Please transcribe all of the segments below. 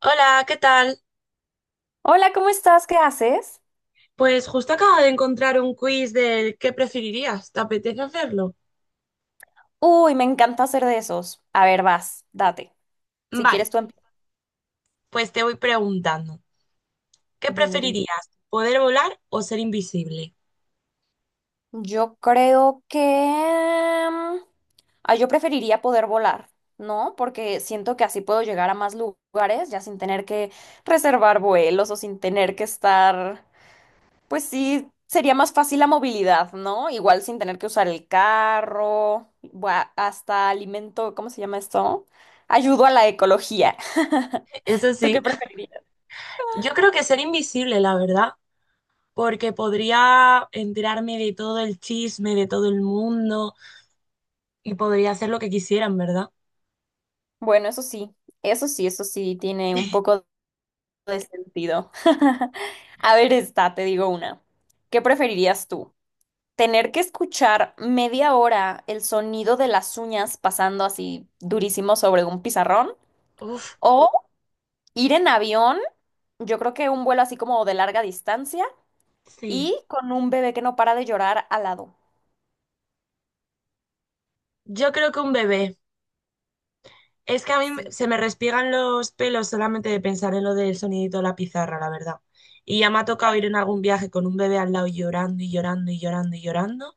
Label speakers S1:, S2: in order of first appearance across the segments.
S1: Hola, ¿qué tal?
S2: Hola, ¿cómo estás? ¿Qué haces?
S1: Pues justo acabo de encontrar un quiz del ¿qué preferirías? ¿Te apetece hacerlo?
S2: Uy, me encanta hacer de esos. A ver, vas, date. Si
S1: Vale,
S2: quieres tú empieza.
S1: pues te voy preguntando. ¿Qué
S2: Dime.
S1: preferirías? ¿Poder volar o ser invisible?
S2: Yo creo que... mm, Ah, yo preferiría poder volar, ¿no? Porque siento que así puedo llegar a más lugares ya sin tener que reservar vuelos o sin tener que estar... Pues sí, sería más fácil la movilidad, ¿no? Igual sin tener que usar el carro, bua- hasta alimento, ¿cómo se llama esto? Ayudo a la ecología.
S1: Eso
S2: ¿Tú
S1: sí,
S2: qué preferirías?
S1: yo creo que ser invisible, la verdad, porque podría enterarme de todo el chisme, de todo el mundo y podría hacer lo que quisieran, ¿verdad?
S2: Bueno, eso sí, eso sí, eso sí tiene un poco de sentido. A ver, esta, te digo una. ¿Qué preferirías tú? ¿Tener que escuchar media hora el sonido de las uñas pasando así durísimo sobre un pizarrón?
S1: Uf,
S2: ¿O ir en avión? Yo creo que un vuelo así como de larga distancia
S1: sí.
S2: y con un bebé que no para de llorar al lado.
S1: Yo creo que un bebé. Es que a mí
S2: Sí.
S1: se me respiegan los pelos solamente de pensar en lo del sonidito de la pizarra, la verdad. Y ya me ha tocado
S2: Ay,
S1: ir en algún viaje con un bebé al lado llorando y llorando y llorando y llorando.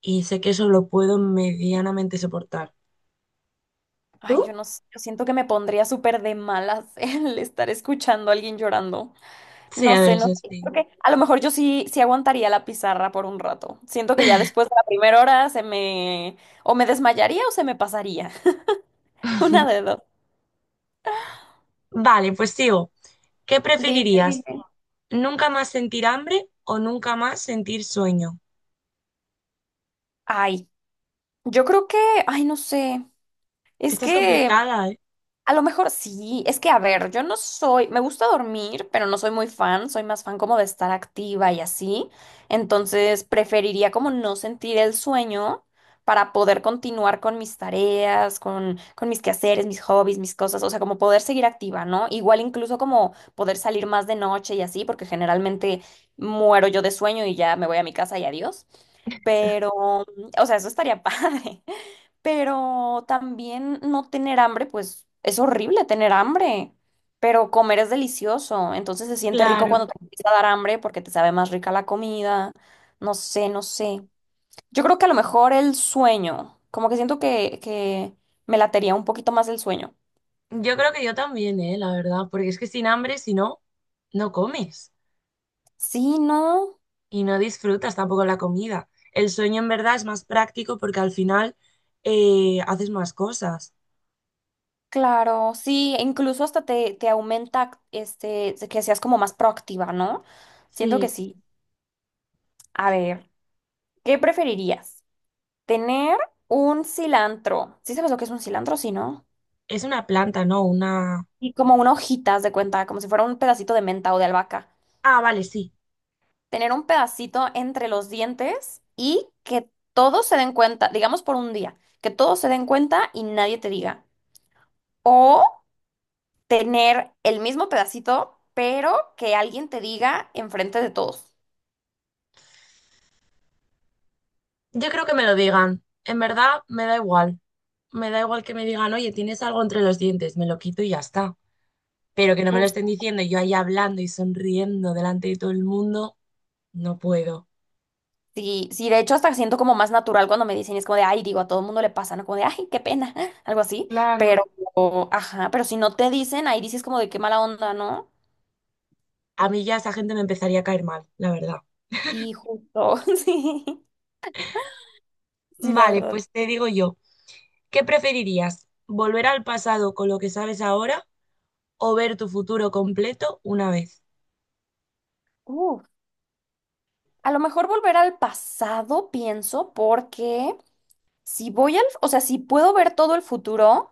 S1: Y sé que eso lo puedo medianamente soportar.
S2: ay, yo
S1: ¿Tú?
S2: no sé, yo siento que me pondría súper de malas el estar escuchando a alguien llorando.
S1: Sí,
S2: No
S1: a ver,
S2: sé, no
S1: eso
S2: sé.
S1: sí.
S2: Creo que a lo mejor yo sí, sí aguantaría la pizarra por un rato. Siento que ya después de la primera hora se me... o me desmayaría o se me pasaría. Una de dos.
S1: Vale, pues sigo. ¿Qué
S2: Dime.
S1: preferirías? ¿Nunca más sentir hambre o nunca más sentir sueño?
S2: Ay, yo creo que... Ay, no sé. Es
S1: Esta es
S2: que
S1: complicada, ¿eh?
S2: a lo mejor sí, es que a ver, yo no soy, me gusta dormir, pero no soy muy fan, soy más fan como de estar activa y así, entonces preferiría como no sentir el sueño para poder continuar con mis tareas, con mis quehaceres, mis hobbies, mis cosas, o sea, como poder seguir activa, ¿no? Igual incluso como poder salir más de noche y así, porque generalmente muero yo de sueño y ya me voy a mi casa y adiós, pero, o sea, eso estaría padre, pero también no tener hambre, pues es horrible tener hambre, pero comer es delicioso, entonces se siente rico
S1: Claro.
S2: cuando te empieza a dar hambre porque te sabe más rica la comida, no sé, no sé. Yo creo que a lo mejor el sueño, como que siento que me latería un poquito más el sueño.
S1: Yo creo que yo también, ¿eh? La verdad. Porque es que sin hambre, si no, no comes.
S2: Sí, ¿no?
S1: Y no disfrutas tampoco la comida. El sueño en verdad es más práctico porque al final haces más cosas.
S2: Claro, sí, e incluso hasta te aumenta este, que seas como más proactiva, ¿no? Siento que
S1: Sí.
S2: sí. A ver, ¿qué preferirías? Tener un cilantro. ¿Sí sabes lo que es un cilantro? Sí, ¿no?
S1: Es una planta, ¿no? Una...
S2: Y como una hojita, haz de cuenta, como si fuera un pedacito de menta o de albahaca.
S1: Ah, vale, sí.
S2: Tener un pedacito entre los dientes y que todos se den cuenta, digamos por un día, que todos se den cuenta y nadie te diga. O tener el mismo pedacito, pero que alguien te diga enfrente de todos.
S1: Yo creo que me lo digan. En verdad me da igual. Me da igual que me digan, oye, tienes algo entre los dientes, me lo quito y ya está. Pero que no me lo estén diciendo y yo ahí hablando y sonriendo delante de todo el mundo, no puedo.
S2: Sí, sí, de hecho hasta siento como más natural cuando me dicen, y es como de, ay, digo, a todo el mundo le pasa, ¿no? Como de, ay, qué pena, algo así,
S1: Claro.
S2: pero, ajá, pero si no te dicen, ahí dices como de qué mala onda, ¿no?
S1: A mí ya esa gente me empezaría a caer mal, la verdad.
S2: Y justo, sí, sí, la
S1: Vale,
S2: verdad.
S1: pues te digo yo. ¿Qué preferirías? ¿Volver al pasado con lo que sabes ahora o ver tu futuro completo una vez?
S2: Uf. A lo mejor volver al pasado, pienso, porque si voy al, o sea, si puedo ver todo el futuro.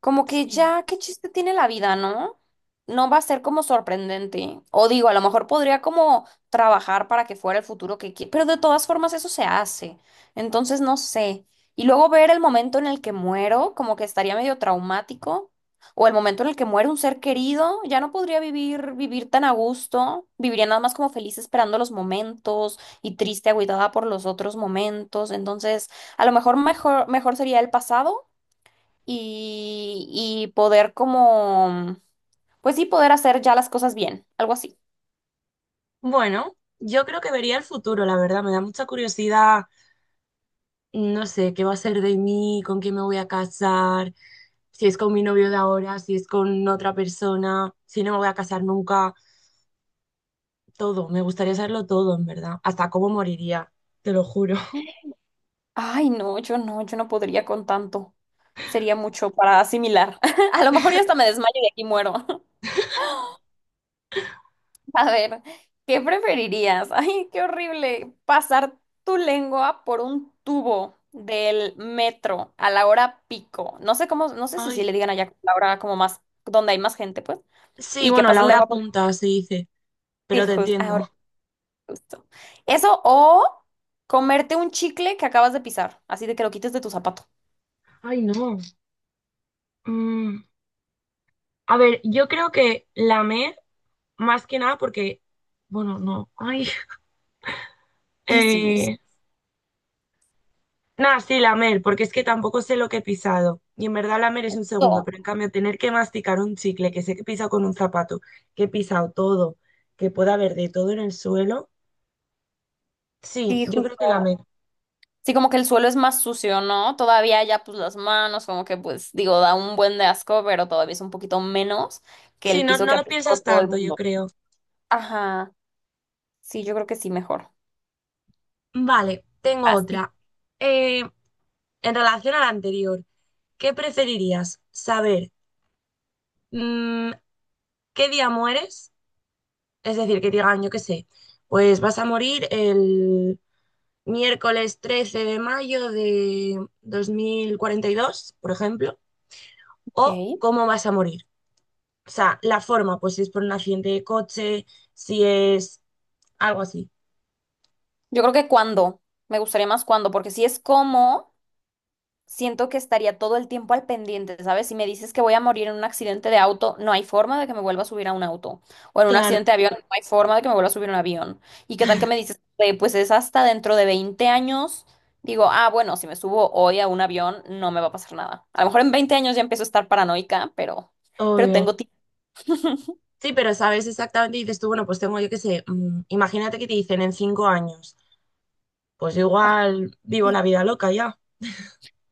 S2: Como que
S1: Sí.
S2: ya, ¿qué chiste tiene la vida, no? No va a ser como sorprendente. O digo, a lo mejor podría como trabajar para que fuera el futuro que quiere, pero de todas formas eso se hace. Entonces no sé. Y luego ver el momento en el que muero, como que estaría medio traumático. O el momento en el que muere un ser querido, ya no podría vivir, vivir tan a gusto. Viviría nada más como feliz esperando los momentos y triste, agüitada por los otros momentos. Entonces, a lo mejor mejor, mejor sería el pasado y poder como, pues sí, poder hacer ya las cosas bien, algo así.
S1: Bueno, yo creo que vería el futuro, la verdad. Me da mucha curiosidad, no sé, qué va a ser de mí, con quién me voy a casar, si es con mi novio de ahora, si es con otra persona, si no me voy a casar nunca, todo. Me gustaría saberlo todo, en verdad. Hasta cómo moriría, te lo juro.
S2: Ay, no, yo no, yo no podría con tanto. Sería mucho para asimilar. A lo mejor ya hasta me desmayo y aquí muero. A ver, ¿qué preferirías? Ay, qué horrible. Pasar tu lengua por un tubo del metro a la hora pico. No sé cómo, no sé si, si le
S1: Ay,
S2: digan allá la hora como más, donde hay más gente, pues.
S1: sí,
S2: Y que
S1: bueno, la
S2: pasas la
S1: hora
S2: lengua por...
S1: punta se dice, pero te
S2: Hijos,
S1: entiendo.
S2: justo. Eso o comerte un chicle que acabas de pisar, así de que lo quites de tu zapato.
S1: Ay, no. Mm. A ver, yo creo que más que nada porque, bueno, no, ay,
S2: Sí, sí, sí,
S1: eh, nada, sí, la porque es que tampoco sé lo que he pisado. Y en verdad la es un segundo,
S2: justo.
S1: pero en cambio tener que masticar un chicle que sé que he pisado con un zapato, que he pisado todo, que pueda haber de todo en el suelo, sí,
S2: Sí,
S1: yo creo que la.
S2: justo. Sí, como que el suelo es más sucio, ¿no? Todavía ya pues las manos, como que pues digo, da un buen de asco, pero todavía es un poquito menos que
S1: Sí,
S2: el
S1: no,
S2: piso
S1: no
S2: que ha
S1: lo
S2: pisado
S1: piensas
S2: todo el
S1: tanto, yo
S2: mundo.
S1: creo.
S2: Ajá. Sí, yo creo que sí, mejor.
S1: Vale, tengo
S2: Así.
S1: otra. Eh, en relación a la anterior, ¿qué preferirías? ¿Saber mm, qué día mueres? Es decir, que digan, yo qué sé, pues vas a morir el miércoles 13 de mayo de 2042 por ejemplo, o
S2: Ok.
S1: cómo vas a morir. O sea, la forma, pues si es por un accidente de coche, si es algo así.
S2: Yo creo que cuando. Me gustaría más cuando, porque si es como siento que estaría todo el tiempo al pendiente, ¿sabes? Si me dices que voy a morir en un accidente de auto, no hay forma de que me vuelva a subir a un auto. O en un
S1: Claro,
S2: accidente de avión, no hay forma de que me vuelva a subir a un avión. ¿Y qué tal que me dices, pues es hasta dentro de 20 años? Digo, ah, bueno, si me subo hoy a un avión, no me va a pasar nada. A lo mejor en 20 años ya empiezo a estar paranoica, pero
S1: obvio.
S2: tengo tiempo.
S1: Sí, pero sabes exactamente, y dices tú, bueno, pues tengo, yo qué sé, imagínate que te dicen en 5 años, pues
S2: Ah,
S1: igual vivo la
S2: sí.
S1: vida loca ya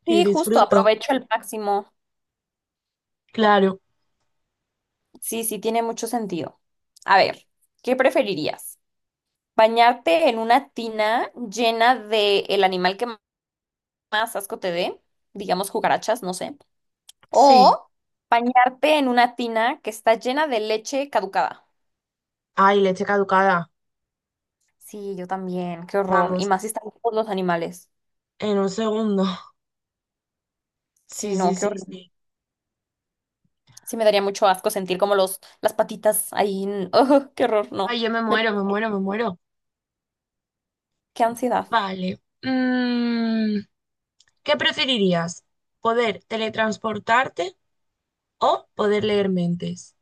S1: y
S2: Sí, justo,
S1: disfruto.
S2: aprovecho al máximo.
S1: Claro,
S2: Sí, sí, tiene mucho sentido. A ver, ¿qué preferirías? Bañarte en una tina llena de el animal que más asco te dé, digamos cucarachas, no sé.
S1: sí.
S2: O bañarte en una tina que está llena de leche caducada.
S1: Ay, leche caducada,
S2: Sí, yo también, qué horror. Y
S1: vamos,
S2: más si están todos los animales.
S1: en un segundo. Sí,
S2: Sí, no,
S1: sí,
S2: qué
S1: sí,
S2: horror.
S1: sí.
S2: Sí, me daría mucho asco sentir como los, las patitas ahí. N- Ugh, qué horror,
S1: Ay,
S2: no.
S1: yo me
S2: Me-
S1: muero, me muero, me muero.
S2: qué ansiedad.
S1: Vale. ¿Qué preferirías? ¿Poder teletransportarte o poder leer mentes?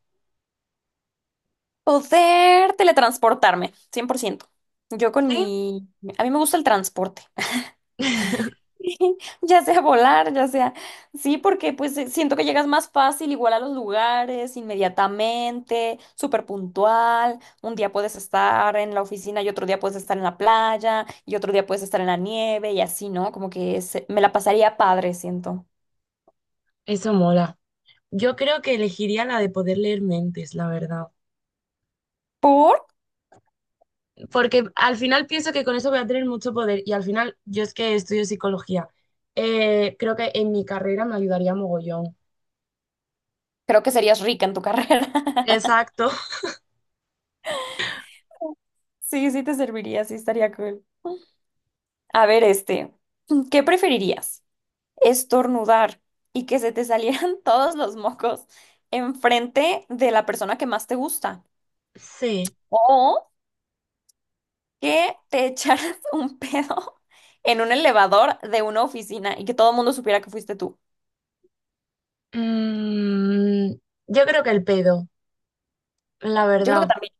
S2: Poder teletransportarme, cien por ciento. Yo con
S1: Sí,
S2: mi... A mí me gusta el transporte. Ya sea volar, ya sea, sí, porque pues siento que llegas más fácil, igual a los lugares, inmediatamente, súper puntual, un día puedes estar en la oficina y otro día puedes estar en la playa y otro día puedes estar en la nieve y así, ¿no? Como que se- me la pasaría padre, siento.
S1: eso mola. Yo creo que elegiría la de poder leer mentes, la verdad.
S2: ¿Por?
S1: Porque al final pienso que con eso voy a tener mucho poder y al final yo es que estudio psicología. Creo que en mi carrera me ayudaría mogollón.
S2: Creo que serías rica en tu carrera.
S1: Exacto.
S2: Sí, sí te serviría, sí estaría cool. A ver, este, ¿qué preferirías? Estornudar y que se te salieran todos los mocos enfrente de la persona que más te gusta.
S1: Sí.
S2: O que te echaras un pedo en un elevador de una oficina y que todo el mundo supiera que fuiste tú.
S1: Mm, yo creo que el pedo. La
S2: Yo creo que
S1: verdad.
S2: también.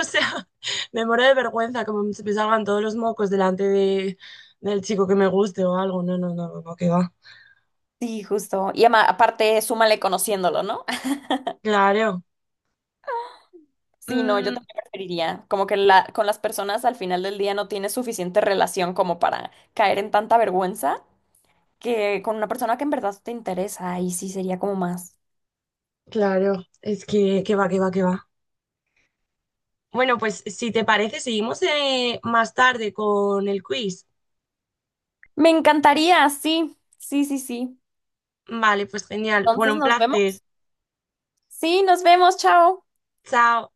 S1: O sea, me muero de vergüenza como se me salgan todos los mocos delante de, del chico que me guste o algo. No, no, no, no, no, que va.
S2: Sí, justo. Y ama- aparte, súmale conociéndolo, ¿no?
S1: Claro.
S2: Sí, no, yo
S1: Mm,
S2: también preferiría. Como que la, con las personas al final del día no tienes suficiente relación como para caer en tanta vergüenza que con una persona que en verdad te interesa. Y sí sería como más.
S1: claro. Es que va, que va, que va. Bueno, pues si te parece, seguimos más tarde con el quiz.
S2: Me encantaría, sí, sí, sí, sí.
S1: Vale, pues genial. Bueno,
S2: Entonces
S1: un
S2: nos
S1: placer.
S2: vemos. Sí, nos vemos, chao.
S1: Chao.